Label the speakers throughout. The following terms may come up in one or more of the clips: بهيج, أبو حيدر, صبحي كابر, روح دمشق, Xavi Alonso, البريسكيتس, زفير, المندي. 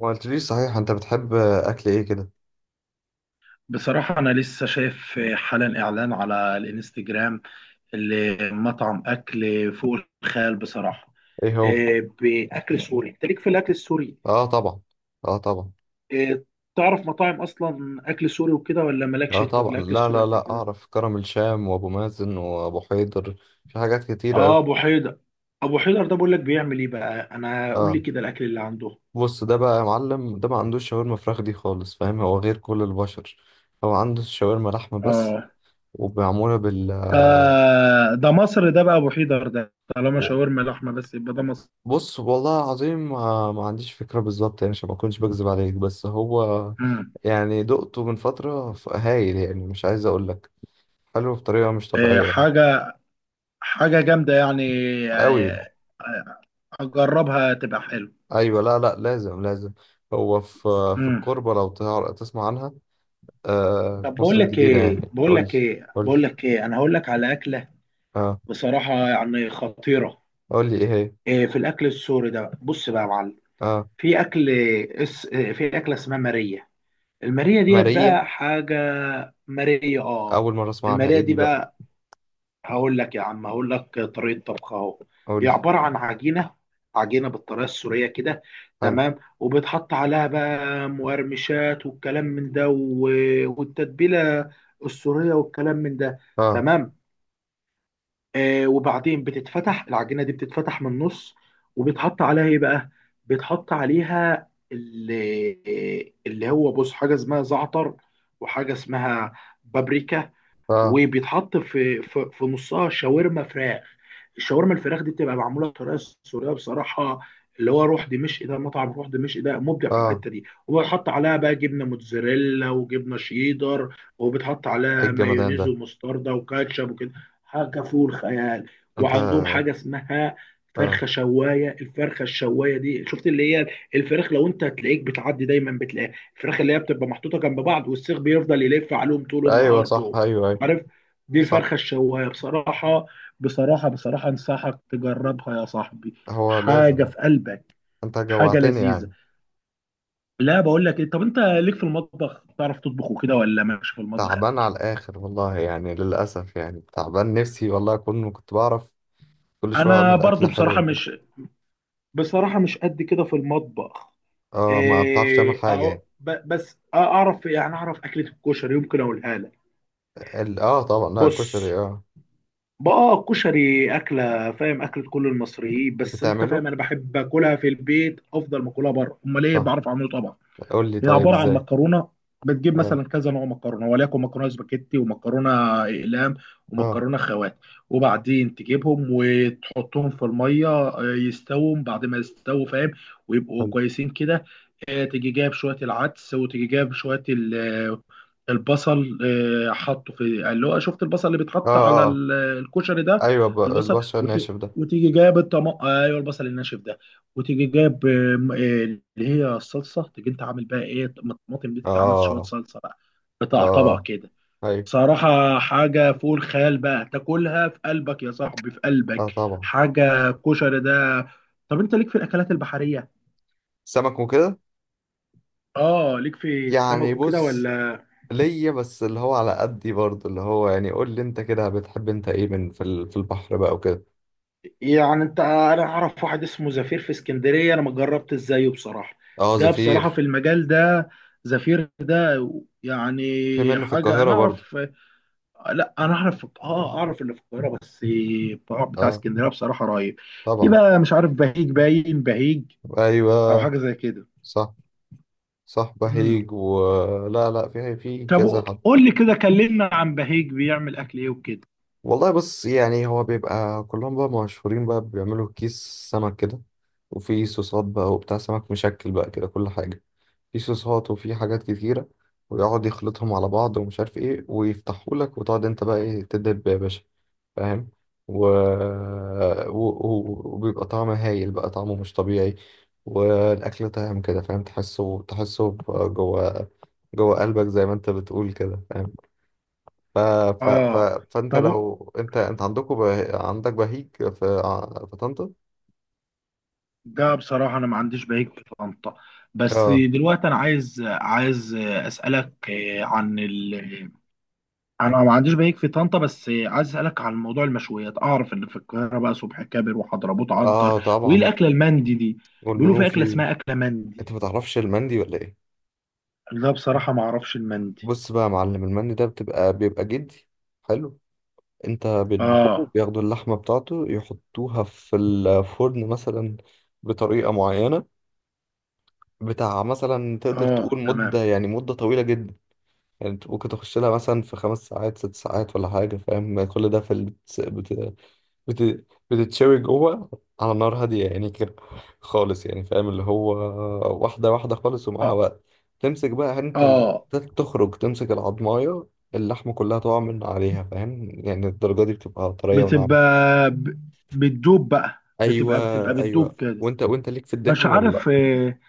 Speaker 1: ما قلتليش صحيح انت بتحب اكل ايه كده؟
Speaker 2: بصراحة، أنا لسه شايف حالا إعلان على الإنستجرام لمطعم أكل فوق الخيال. بصراحة،
Speaker 1: ايه هو؟
Speaker 2: بأكل سوري. أنت ليك في الأكل السوري؟
Speaker 1: اه طبعا. اه طبعا.
Speaker 2: آه، تعرف مطاعم أصلا أكل سوري وكده، ولا مالكش
Speaker 1: اه
Speaker 2: أنت في
Speaker 1: طبعا،
Speaker 2: الأكل
Speaker 1: لا
Speaker 2: السوري
Speaker 1: لا
Speaker 2: قد
Speaker 1: لا
Speaker 2: كده؟
Speaker 1: اعرف كرم الشام وابو مازن وابو حيدر. في حاجات كتيره قوي.
Speaker 2: آه، أبو حيدر. أبو حيدر ده بقول لك بيعمل إيه بقى؟ أنا قول لي
Speaker 1: اه.
Speaker 2: كده الأكل اللي عنده.
Speaker 1: بص، ده بقى يا معلم ده ما عندوش شاورما فراخ دي خالص، فاهم؟ هو غير كل البشر. هو عنده شاورما لحمه بس.
Speaker 2: آه،
Speaker 1: ومعموله بال.
Speaker 2: ده ده مصر. ده بقى أبو حيدر ده، طالما
Speaker 1: و-
Speaker 2: شاورما لحمة بس يبقى ده مصر.
Speaker 1: بص والله العظيم ما عنديش فكره بالظبط يعني، عشان ما اكونش بكذب عليك، بس هو.
Speaker 2: مم.
Speaker 1: يعني دقته من فتره هايل يعني، مش عايز اقول لك. حلو بطريقه مش
Speaker 2: آه،
Speaker 1: طبيعيه يعني.
Speaker 2: حاجة جامدة يعني.
Speaker 1: أوي.
Speaker 2: آه، آه، أجربها تبقى حلو.
Speaker 1: أيوة، لا لا لازم لازم. هو في. في
Speaker 2: مم.
Speaker 1: الكوربة، لو تسمع عنها. آه،
Speaker 2: طب
Speaker 1: في
Speaker 2: بقول
Speaker 1: مصر
Speaker 2: لك
Speaker 1: الجديدة
Speaker 2: إيه،
Speaker 1: يعني، قول لي. قول لي.
Speaker 2: أنا هقول لك على أكلة،
Speaker 1: اه.
Speaker 2: بصراحة، يعني خطيرة.
Speaker 1: قول لي إيه هي.
Speaker 2: إيه، في الأكل السوري ده بص بقى يا معلم.
Speaker 1: اه.
Speaker 2: في أكل اس... إيه، في أكلة اسمها مارية. المارية ديت
Speaker 1: ماريا.
Speaker 2: بقى حاجة. مارية، آه.
Speaker 1: أول مرة أسمع عنها،
Speaker 2: المارية
Speaker 1: إيه
Speaker 2: دي
Speaker 1: دي بقى؟
Speaker 2: بقى، هقول لك يا عم، هقول لك طريقه طبخها اهو.
Speaker 1: قول
Speaker 2: هي
Speaker 1: لي.
Speaker 2: عباره عن عجينه، عجينه بالطريقه السوريه كده.
Speaker 1: حلو.
Speaker 2: تمام، وبتحط عليها بقى مقرمشات والكلام من ده، والتتبيله السوريه والكلام من ده.
Speaker 1: اه.
Speaker 2: تمام. آه، وبعدين بتتفتح العجينه دي، بتتفتح من النص. وبتحط عليها ايه بقى؟ بتحط عليها اللي هو، بص، حاجه اسمها زعتر، وحاجه اسمها بابريكا.
Speaker 1: اه.
Speaker 2: وبيتحط في نصها شاورما فراخ. الشاورما الفراخ دي بتبقى معموله بطريقه سوريه، بصراحه. اللي هو روح دمشق، ده مطعم روح دمشق ده مبدع في
Speaker 1: اه.
Speaker 2: الحته دي. وبيتحط عليها بقى جبنه موتزاريلا وجبنه شيدر، وبتحط
Speaker 1: إيه
Speaker 2: عليها
Speaker 1: الجمدان
Speaker 2: مايونيز
Speaker 1: ده؟
Speaker 2: ومستردة وكاتشب وكده. حاجه فوق الخيال.
Speaker 1: أنت.
Speaker 2: وعندهم حاجه اسمها
Speaker 1: اه.
Speaker 2: فرخه شوايه. الفرخه الشوايه دي، شفت اللي هي؟ الفراخ لو انت هتلاقيك بتعدي دايما بتلاقيها، الفراخ اللي هي بتبقى محطوطه جنب بعض، والسيخ بيفضل يلف عليهم طول
Speaker 1: أيوة
Speaker 2: النهار
Speaker 1: صح،
Speaker 2: دول.
Speaker 1: أيوة أيوة.
Speaker 2: عارف؟ دي
Speaker 1: صح.
Speaker 2: الفرخة الشواية بصراحة. أنصحك تجربها يا صاحبي.
Speaker 1: هو
Speaker 2: حاجة
Speaker 1: لازم.
Speaker 2: في قلبك،
Speaker 1: أنت
Speaker 2: حاجة
Speaker 1: جوعتني
Speaker 2: لذيذة.
Speaker 1: يعني.
Speaker 2: لا، بقول لك إيه، طب أنت ليك في المطبخ، تعرف تطبخ وكده، ولا مالكش في المطبخ قد
Speaker 1: تعبان على
Speaker 2: كده؟
Speaker 1: الآخر والله يعني، للأسف يعني تعبان، نفسي والله أكون كنت بعرف كل شوية
Speaker 2: أنا
Speaker 1: أعمل
Speaker 2: برضو
Speaker 1: أكلة
Speaker 2: بصراحة
Speaker 1: حلوة.
Speaker 2: مش، بصراحة مش قد كده في المطبخ.
Speaker 1: اه، ما بتعرفش تعمل
Speaker 2: إيه
Speaker 1: حاجة
Speaker 2: أهو،
Speaker 1: يعني.
Speaker 2: بس أعرف يعني، أعرف أكلة الكشري يمكن أقولها لك.
Speaker 1: اه طبعا، لا
Speaker 2: بص
Speaker 1: كشري اه.
Speaker 2: بقى، الكشري أكلة، فاهم، أكلة كل المصريين. بس أنت فاهم،
Speaker 1: بتعمله.
Speaker 2: أنا بحب أكلها في البيت أفضل ما أكلها بره. أمال إيه،
Speaker 1: صح.
Speaker 2: بعرف أعمله طبعا.
Speaker 1: قول لي
Speaker 2: هي
Speaker 1: طيب،
Speaker 2: عباره عن
Speaker 1: ازاي؟
Speaker 2: مكرونه. بتجيب
Speaker 1: اه،
Speaker 2: مثلا كذا نوع مكرونه، وليكن مكرونه سباكيتي، ومكرونه اقلام،
Speaker 1: اه.
Speaker 2: ومكرونه خوات. وبعدين تجيبهم وتحطهم في الميه، آه، يستووا. بعد ما يستووا، فاهم، ويبقوا
Speaker 1: قول.
Speaker 2: كويسين كده. آه، تيجي جايب شويه العدس، وتيجي جايب شويه البصل. آه، حطه في اللي هو، شفت البصل اللي
Speaker 1: اه،
Speaker 2: بيتحط على
Speaker 1: اه، آه.
Speaker 2: الكشري ده؟
Speaker 1: ايوه،
Speaker 2: البصل
Speaker 1: البشر الناشف ده.
Speaker 2: وتيجي جايب الطماطم. ايوه، البصل الناشف ده. وتيجي جايب آم، آه، اللي هي الصلصه. تيجي انت عامل بقى ايه الطماطم دي، تيجي عامل شويه
Speaker 1: اه،
Speaker 2: صلصه بقى، قطع طبق
Speaker 1: اه.
Speaker 2: كده.
Speaker 1: ايوه.
Speaker 2: صراحه حاجه فوق الخيال بقى. تاكلها في قلبك يا صاحبي، في
Speaker 1: اه
Speaker 2: قلبك.
Speaker 1: طبعا.
Speaker 2: حاجه كشري ده. طب انت ليك في الاكلات البحريه،
Speaker 1: سمك وكده.
Speaker 2: اه، ليك في السمك
Speaker 1: يعني
Speaker 2: وكده
Speaker 1: بص،
Speaker 2: ولا؟
Speaker 1: ليا بس اللي هو على قدي برضه، اللي هو يعني قول لي انت كده، بتحب انت ايه من في البحر بقى وكده.
Speaker 2: يعني انت، انا اعرف واحد اسمه زفير في اسكندريه، انا ما جربت ازايه بصراحه.
Speaker 1: اه،
Speaker 2: ده بصراحه في
Speaker 1: زفير.
Speaker 2: المجال ده، زفير ده، يعني
Speaker 1: في منه في
Speaker 2: حاجه.
Speaker 1: القاهرة
Speaker 2: انا
Speaker 1: برضه.
Speaker 2: اعرف، لا انا اعرف، اه اعرف اللي في القاهره بس. بتاع
Speaker 1: اه
Speaker 2: اسكندريه بصراحه رهيب. في
Speaker 1: طبعا.
Speaker 2: بقى، مش عارف، بهيج، باين بهيج او
Speaker 1: ايوه
Speaker 2: حاجه زي كده.
Speaker 1: صح صح،
Speaker 2: مم.
Speaker 1: بهيج. لا لا، في
Speaker 2: طب
Speaker 1: كذا حد.
Speaker 2: قول لي كده، كلمنا عن بهيج، بيعمل اكل ايه وكده؟
Speaker 1: والله بص يعني، هو بيبقى كلهم بقى مشهورين، بقى بيعملوا كيس سمك كده. وفي صوصات بقى وبتاع، سمك مشكل بقى كده كل حاجة. في صوصات وفي حاجات كتيرة. ويقعد يخلطهم على بعض ومش عارف ايه، ويفتحوا لك وتقعد انت بقى ايه تدب يا باشا، فاهم. و... وبيبقى طعمه هايل بقى، طعمه مش طبيعي. والأكل طعم كده، فاهم؟ تحسه تحسه جوه، جوه قلبك زي ما انت بتقول كده، فاهم. ف... ف... ف...
Speaker 2: اه،
Speaker 1: فانت
Speaker 2: طب
Speaker 1: لو انت عندكم عندك بهيج في طنطا.
Speaker 2: ده بصراحه انا ما عنديش بهيج في طنطا. بس
Speaker 1: اه.
Speaker 2: دلوقتي انا عايز، عايز اسالك، عن، انا ما عنديش بيك في طنطا. بس عايز اسالك عن موضوع المشويات. اعرف ان في القاهره بقى صبحي كابر وحضرموت
Speaker 1: اه
Speaker 2: عنتر، وايه
Speaker 1: طبعا.
Speaker 2: الاكله المندي دي؟ بيقولوا في اكله
Speaker 1: والمنوفي.
Speaker 2: اسمها اكله مندي.
Speaker 1: انت ما تعرفش المندي ولا ايه؟
Speaker 2: لا بصراحه ما اعرفش المندي.
Speaker 1: بص بقى يا معلم، المندي ده بيبقى جدي. حلو. انت بيذبحوه،
Speaker 2: اه،
Speaker 1: بياخدوا اللحمه بتاعته يحطوها في الفرن مثلا بطريقه معينه. بتاع مثلا تقدر
Speaker 2: اه
Speaker 1: تقول
Speaker 2: تمام.
Speaker 1: مده، يعني مده طويله جدا. يعني انت ممكن تخش لها مثلا في 5 ساعات 6 ساعات ولا حاجه، فاهم؟ كل ده في بتتشوي جوه على نار هادية يعني كده، خالص يعني، فاهم؟ اللي هو واحدة واحدة خالص، ومعاها
Speaker 2: اه،
Speaker 1: وقت. تمسك بقى انت
Speaker 2: اه.
Speaker 1: تخرج تمسك العضماية، اللحمة كلها تقع من عليها، فاهم؟ يعني الدرجة دي بتبقى طرية
Speaker 2: بتبقى
Speaker 1: وناعمة.
Speaker 2: ب- بتدوب بقى،
Speaker 1: ايوه
Speaker 2: بتبقى بتبقى بتدوب
Speaker 1: ايوه.
Speaker 2: كده.
Speaker 1: وانت ليك في
Speaker 2: مش
Speaker 1: الدهن ولا لأ؟
Speaker 2: عارف. آه،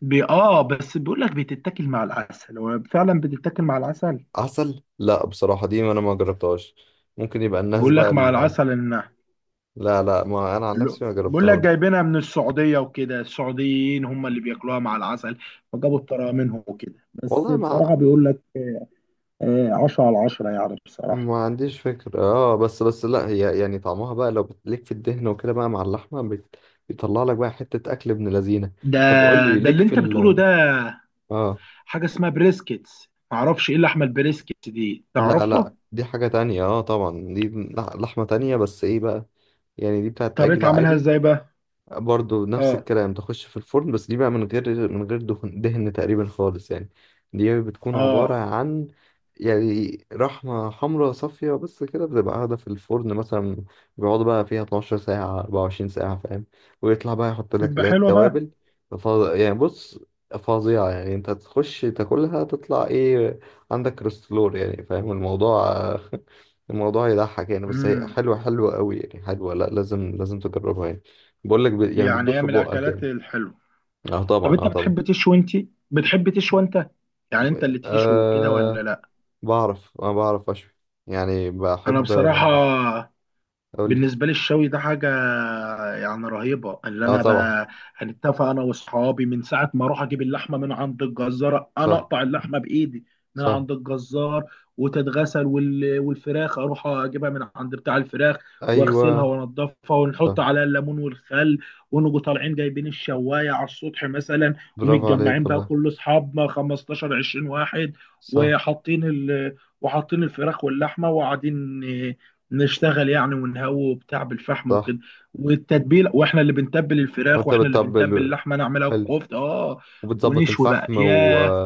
Speaker 2: بي اه بس بيقول لك بتتاكل مع العسل. هو فعلا بتتاكل مع العسل.
Speaker 1: عسل، لا بصراحة دي انا ما جربتهاش. ممكن يبقى الناس
Speaker 2: بيقول
Speaker 1: بقى
Speaker 2: لك مع العسل، ان
Speaker 1: لا لا، ما انا عن نفسي ما
Speaker 2: بقول لك
Speaker 1: جربتهاش.
Speaker 2: جايبينها من السعودية وكده، السعوديين هم اللي بياكلوها مع العسل، فجابوا الطريقة منهم وكده. بس
Speaker 1: والله ما
Speaker 2: بصراحة بيقول لك، آه، عشرة على عشرة يعني، بصراحة.
Speaker 1: ما عنديش فكرة، اه بس لا هي يعني طعمها بقى لو ليك في الدهن وكده بقى مع اللحمة بيطلع لك بقى حتة أكل ابن لذينة.
Speaker 2: ده
Speaker 1: طب قول لي،
Speaker 2: ده
Speaker 1: ليك
Speaker 2: اللي
Speaker 1: في
Speaker 2: انت بتقوله ده،
Speaker 1: اه.
Speaker 2: حاجة اسمها بريسكيتس، معرفش ايه اللحمة البريسكيتس دي،
Speaker 1: لا
Speaker 2: تعرفها؟
Speaker 1: لا، دي حاجة تانية، اه طبعا دي لحمة تانية، بس ايه بقى؟ يعني دي بتاعت عجل
Speaker 2: طريقة عملها
Speaker 1: عادي.
Speaker 2: ازاي بقى؟
Speaker 1: برضو نفس
Speaker 2: اه،
Speaker 1: الكلام، تخش في الفرن، بس دي بقى من غير دهن دهن تقريبا خالص يعني. دي بتكون عبارة
Speaker 2: اه،
Speaker 1: عن، يعني رحمة حمراء صافية بس كده، بتبقى قاعدة في الفرن مثلا، بيقعدوا بقى فيها 12 ساعة 24 ساعة، فاهم؟ ويطلع بقى يحط لك
Speaker 2: تبقى
Speaker 1: عليها
Speaker 2: حلوة بقى.
Speaker 1: التوابل. فظ- يعني بص، فظيعة يعني انت تخش تاكلها تطلع، ايه عندك كوليسترول يعني، فاهم الموضوع؟ الموضوع يضحك يعني، بس هي
Speaker 2: امم،
Speaker 1: حلوة حلوة قوي يعني، حلوة، لا لازم لازم تجربها يعني. بقول لك يعني
Speaker 2: يعني
Speaker 1: بتدوب
Speaker 2: هي
Speaker 1: في
Speaker 2: من
Speaker 1: بقك
Speaker 2: الاكلات
Speaker 1: يعني.
Speaker 2: الحلوة.
Speaker 1: اه
Speaker 2: طب
Speaker 1: طبعا،
Speaker 2: انت
Speaker 1: اه طبعا.
Speaker 2: بتحب تشوي انت، بتحب تشوي انت يعني انت اللي تشوي كده ولا
Speaker 1: آه.
Speaker 2: لا؟
Speaker 1: انا بعرف اشوي، يعني
Speaker 2: انا
Speaker 1: بحب.
Speaker 2: بصراحة،
Speaker 1: اقول لي.
Speaker 2: بالنسبة لي الشوي ده حاجة يعني رهيبة. اللي
Speaker 1: اه
Speaker 2: أنا
Speaker 1: طبعا.
Speaker 2: بقى هنتفق أنا وأصحابي، من ساعة ما أروح أجيب اللحمة من عند الجزار، أنا
Speaker 1: صح
Speaker 2: أقطع اللحمة بإيدي من
Speaker 1: صح.
Speaker 2: عند الجزار وتتغسل والفراخ أروح أجيبها من عند بتاع الفراخ، وأغسلها
Speaker 1: ايوه.
Speaker 2: وأنضفها،
Speaker 1: صح.
Speaker 2: ونحط عليها الليمون والخل، ونجوا طالعين جايبين الشواية على السطح مثلا،
Speaker 1: برافو عليك
Speaker 2: ومتجمعين بقى
Speaker 1: والله.
Speaker 2: كل أصحابنا 15 20 واحد،
Speaker 1: صح
Speaker 2: وحاطين ال وحاطين الفراخ واللحمة، وقاعدين نشتغل يعني، ونهوي وبتاع بالفحم
Speaker 1: صح.
Speaker 2: وكده. والتتبيله واحنا اللي بنتبل الفراخ،
Speaker 1: وانت
Speaker 2: واحنا اللي بنتبل
Speaker 1: بتطبل.
Speaker 2: اللحمه نعملها
Speaker 1: حلو.
Speaker 2: كفته، اه.
Speaker 1: وبتظبط
Speaker 2: ونشوي بقى،
Speaker 1: الفحم.
Speaker 2: ياه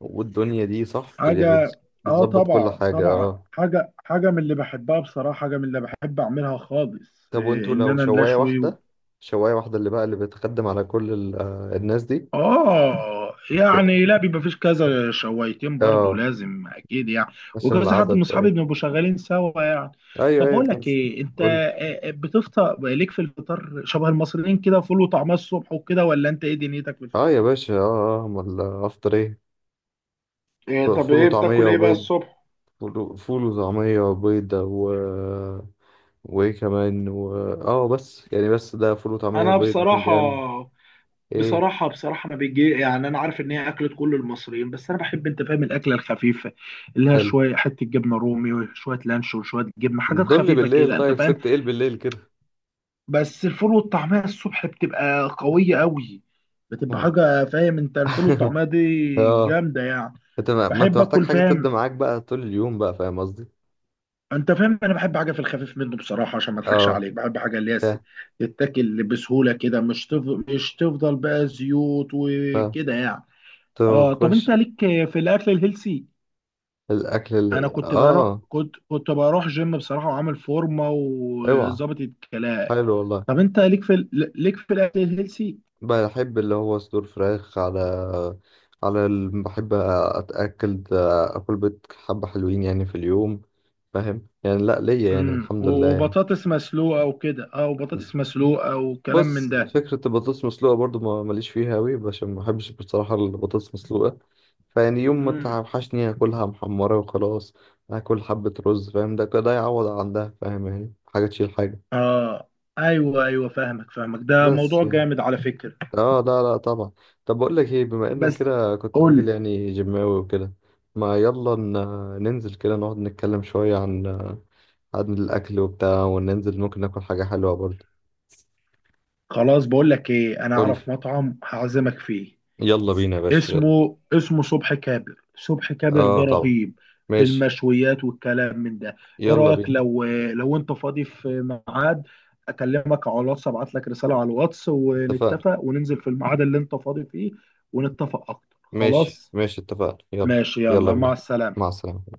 Speaker 1: والدنيا دي صح يعني،
Speaker 2: حاجه. اه
Speaker 1: بتظبط كل
Speaker 2: طبعا،
Speaker 1: حاجة،
Speaker 2: طبعا،
Speaker 1: اه.
Speaker 2: حاجه، حاجه من اللي بحبها بصراحه، حاجه من اللي بحب اعملها خالص،
Speaker 1: طب
Speaker 2: إيه؟
Speaker 1: وانتوا
Speaker 2: ان
Speaker 1: لو
Speaker 2: انا
Speaker 1: شواية
Speaker 2: نشوي.
Speaker 1: واحدة، شواية واحدة اللي بتخدم على كل ال... آه، الناس دي.
Speaker 2: اه
Speaker 1: ك...
Speaker 2: يعني، لا بيبقى فيش، كذا شويتين برضو
Speaker 1: اه،
Speaker 2: لازم اكيد يعني.
Speaker 1: عشان
Speaker 2: وكذا حد من
Speaker 1: العدد.
Speaker 2: اصحابي بنبقوا شغالين سوا يعني.
Speaker 1: ايوه
Speaker 2: طب
Speaker 1: ايوه،
Speaker 2: بقول
Speaker 1: فاهم.
Speaker 2: لك ايه انت،
Speaker 1: قول لي.
Speaker 2: بتفطر، ليك في الفطار شبه المصريين كده، فول وطعميه الصبح وكده، ولا انت ايه دنيتك في
Speaker 1: اه يا
Speaker 2: الفطار؟
Speaker 1: باشا، اه اه، امال افطر ايه؟
Speaker 2: إيه؟ طب
Speaker 1: فول
Speaker 2: ايه
Speaker 1: وطعميه
Speaker 2: بتاكل ايه بقى
Speaker 1: وبيض.
Speaker 2: الصبح؟
Speaker 1: فول فول وطعميه وبيض. وايه كمان. اه بس يعني، بس ده فول وطعميه
Speaker 2: انا
Speaker 1: وبيض
Speaker 2: بصراحه،
Speaker 1: بتنجان. ايه؟
Speaker 2: بصراحه ما بيجي يعني. انا عارف ان هي اكله كل المصريين، بس انا بحب، انت فاهم، الاكله الخفيفه. اللي هي
Speaker 1: حلو.
Speaker 2: شويه حته جبنه رومي وشويه لانشون وشويه جبنه، حاجات
Speaker 1: دول لي
Speaker 2: خفيفه
Speaker 1: بالليل،
Speaker 2: كده انت
Speaker 1: طيب
Speaker 2: فاهم.
Speaker 1: سبت ايه بالليل كده؟
Speaker 2: بس الفول والطعمية الصبح بتبقى قوية قوي، بتبقى
Speaker 1: ما-
Speaker 2: حاجة فاهم، انت، الفول والطعمية دي
Speaker 1: اه،
Speaker 2: جامدة يعني.
Speaker 1: انت ما انت
Speaker 2: بحب
Speaker 1: محتاج
Speaker 2: اكل
Speaker 1: حاجه تبدا
Speaker 2: فاهم،
Speaker 1: معاك بقى طول اليوم بقى، فاهم قصدي؟
Speaker 2: انت فاهم، انا بحب حاجة في الخفيف منه بصراحة. عشان ما اضحكش
Speaker 1: اه،
Speaker 2: عليك، بحب حاجة اللي هي
Speaker 1: فاهم
Speaker 2: تتاكل بسهولة كده، مش تفضل، بقى زيوت
Speaker 1: فاهم.
Speaker 2: وكده يعني. اه. طب
Speaker 1: تخش
Speaker 2: انت ليك في الاكل الهيلسي؟
Speaker 1: الاكل
Speaker 2: انا كنت
Speaker 1: اه،
Speaker 2: بروح،
Speaker 1: اه،
Speaker 2: كنت كنت بروح جيم بصراحة، وعامل فورمة
Speaker 1: اوعى.
Speaker 2: وظابط الكلام.
Speaker 1: حلو والله.
Speaker 2: طب انت ليك في ليك في الاكل الهيلسي؟
Speaker 1: بحب اللي هو صدور فراخ على، بحب اتاكل اكل بيض، حبه حلوين يعني في اليوم، فاهم يعني، لا ليا يعني
Speaker 2: امم،
Speaker 1: الحمد لله يعني.
Speaker 2: وبطاطس مسلوقه وكده، اه، وبطاطس مسلوقه وكلام من
Speaker 1: بص
Speaker 2: ده.
Speaker 1: فكره البطاطس مسلوقه برضو ما ماليش فيها قوي، عشان ما بحبش بصراحه البطاطس مسلوقه. فيعني يوم ما
Speaker 2: امم،
Speaker 1: توحشني اكلها محمره وخلاص. اكل حبه رز، فاهم؟ ده كده يعوض عن ده، فاهم؟ يعني حاجه تشيل حاجه.
Speaker 2: اه، ايوه ايوه، فاهمك فاهمك، ده
Speaker 1: بس
Speaker 2: موضوع
Speaker 1: يعني.
Speaker 2: جامد على فكره.
Speaker 1: اه، لا لا طبعا. طب بقول لك ايه، بما انك
Speaker 2: بس
Speaker 1: كده كنت راجل
Speaker 2: قول.
Speaker 1: يعني جيماوي وكده، ما يلا ننزل كده نقعد نتكلم شوية عن الأكل وبتاع، وننزل ممكن ناكل حاجة حلوة برضه.
Speaker 2: خلاص بقول لك ايه، انا
Speaker 1: قول لي.
Speaker 2: اعرف مطعم هعزمك فيه.
Speaker 1: يلا بينا يا باشا، يلا.
Speaker 2: اسمه صبح كابر. صبح كابر
Speaker 1: اه
Speaker 2: ده
Speaker 1: طبعا.
Speaker 2: رهيب في
Speaker 1: ماشي.
Speaker 2: المشويات والكلام من ده. ايه
Speaker 1: يلا
Speaker 2: رايك،
Speaker 1: بينا.
Speaker 2: لو انت فاضي في ميعاد، اكلمك على الواتس، ابعت لك رساله على الواتس
Speaker 1: اتفقنا.
Speaker 2: ونتفق وننزل في الميعاد اللي انت فاضي فيه. ونتفق اكتر.
Speaker 1: ماشي
Speaker 2: خلاص،
Speaker 1: ماشي، اتفقنا، يلا.
Speaker 2: ماشي،
Speaker 1: يلا
Speaker 2: يلا، مع
Speaker 1: بينا. مع
Speaker 2: السلامه.
Speaker 1: السلامة.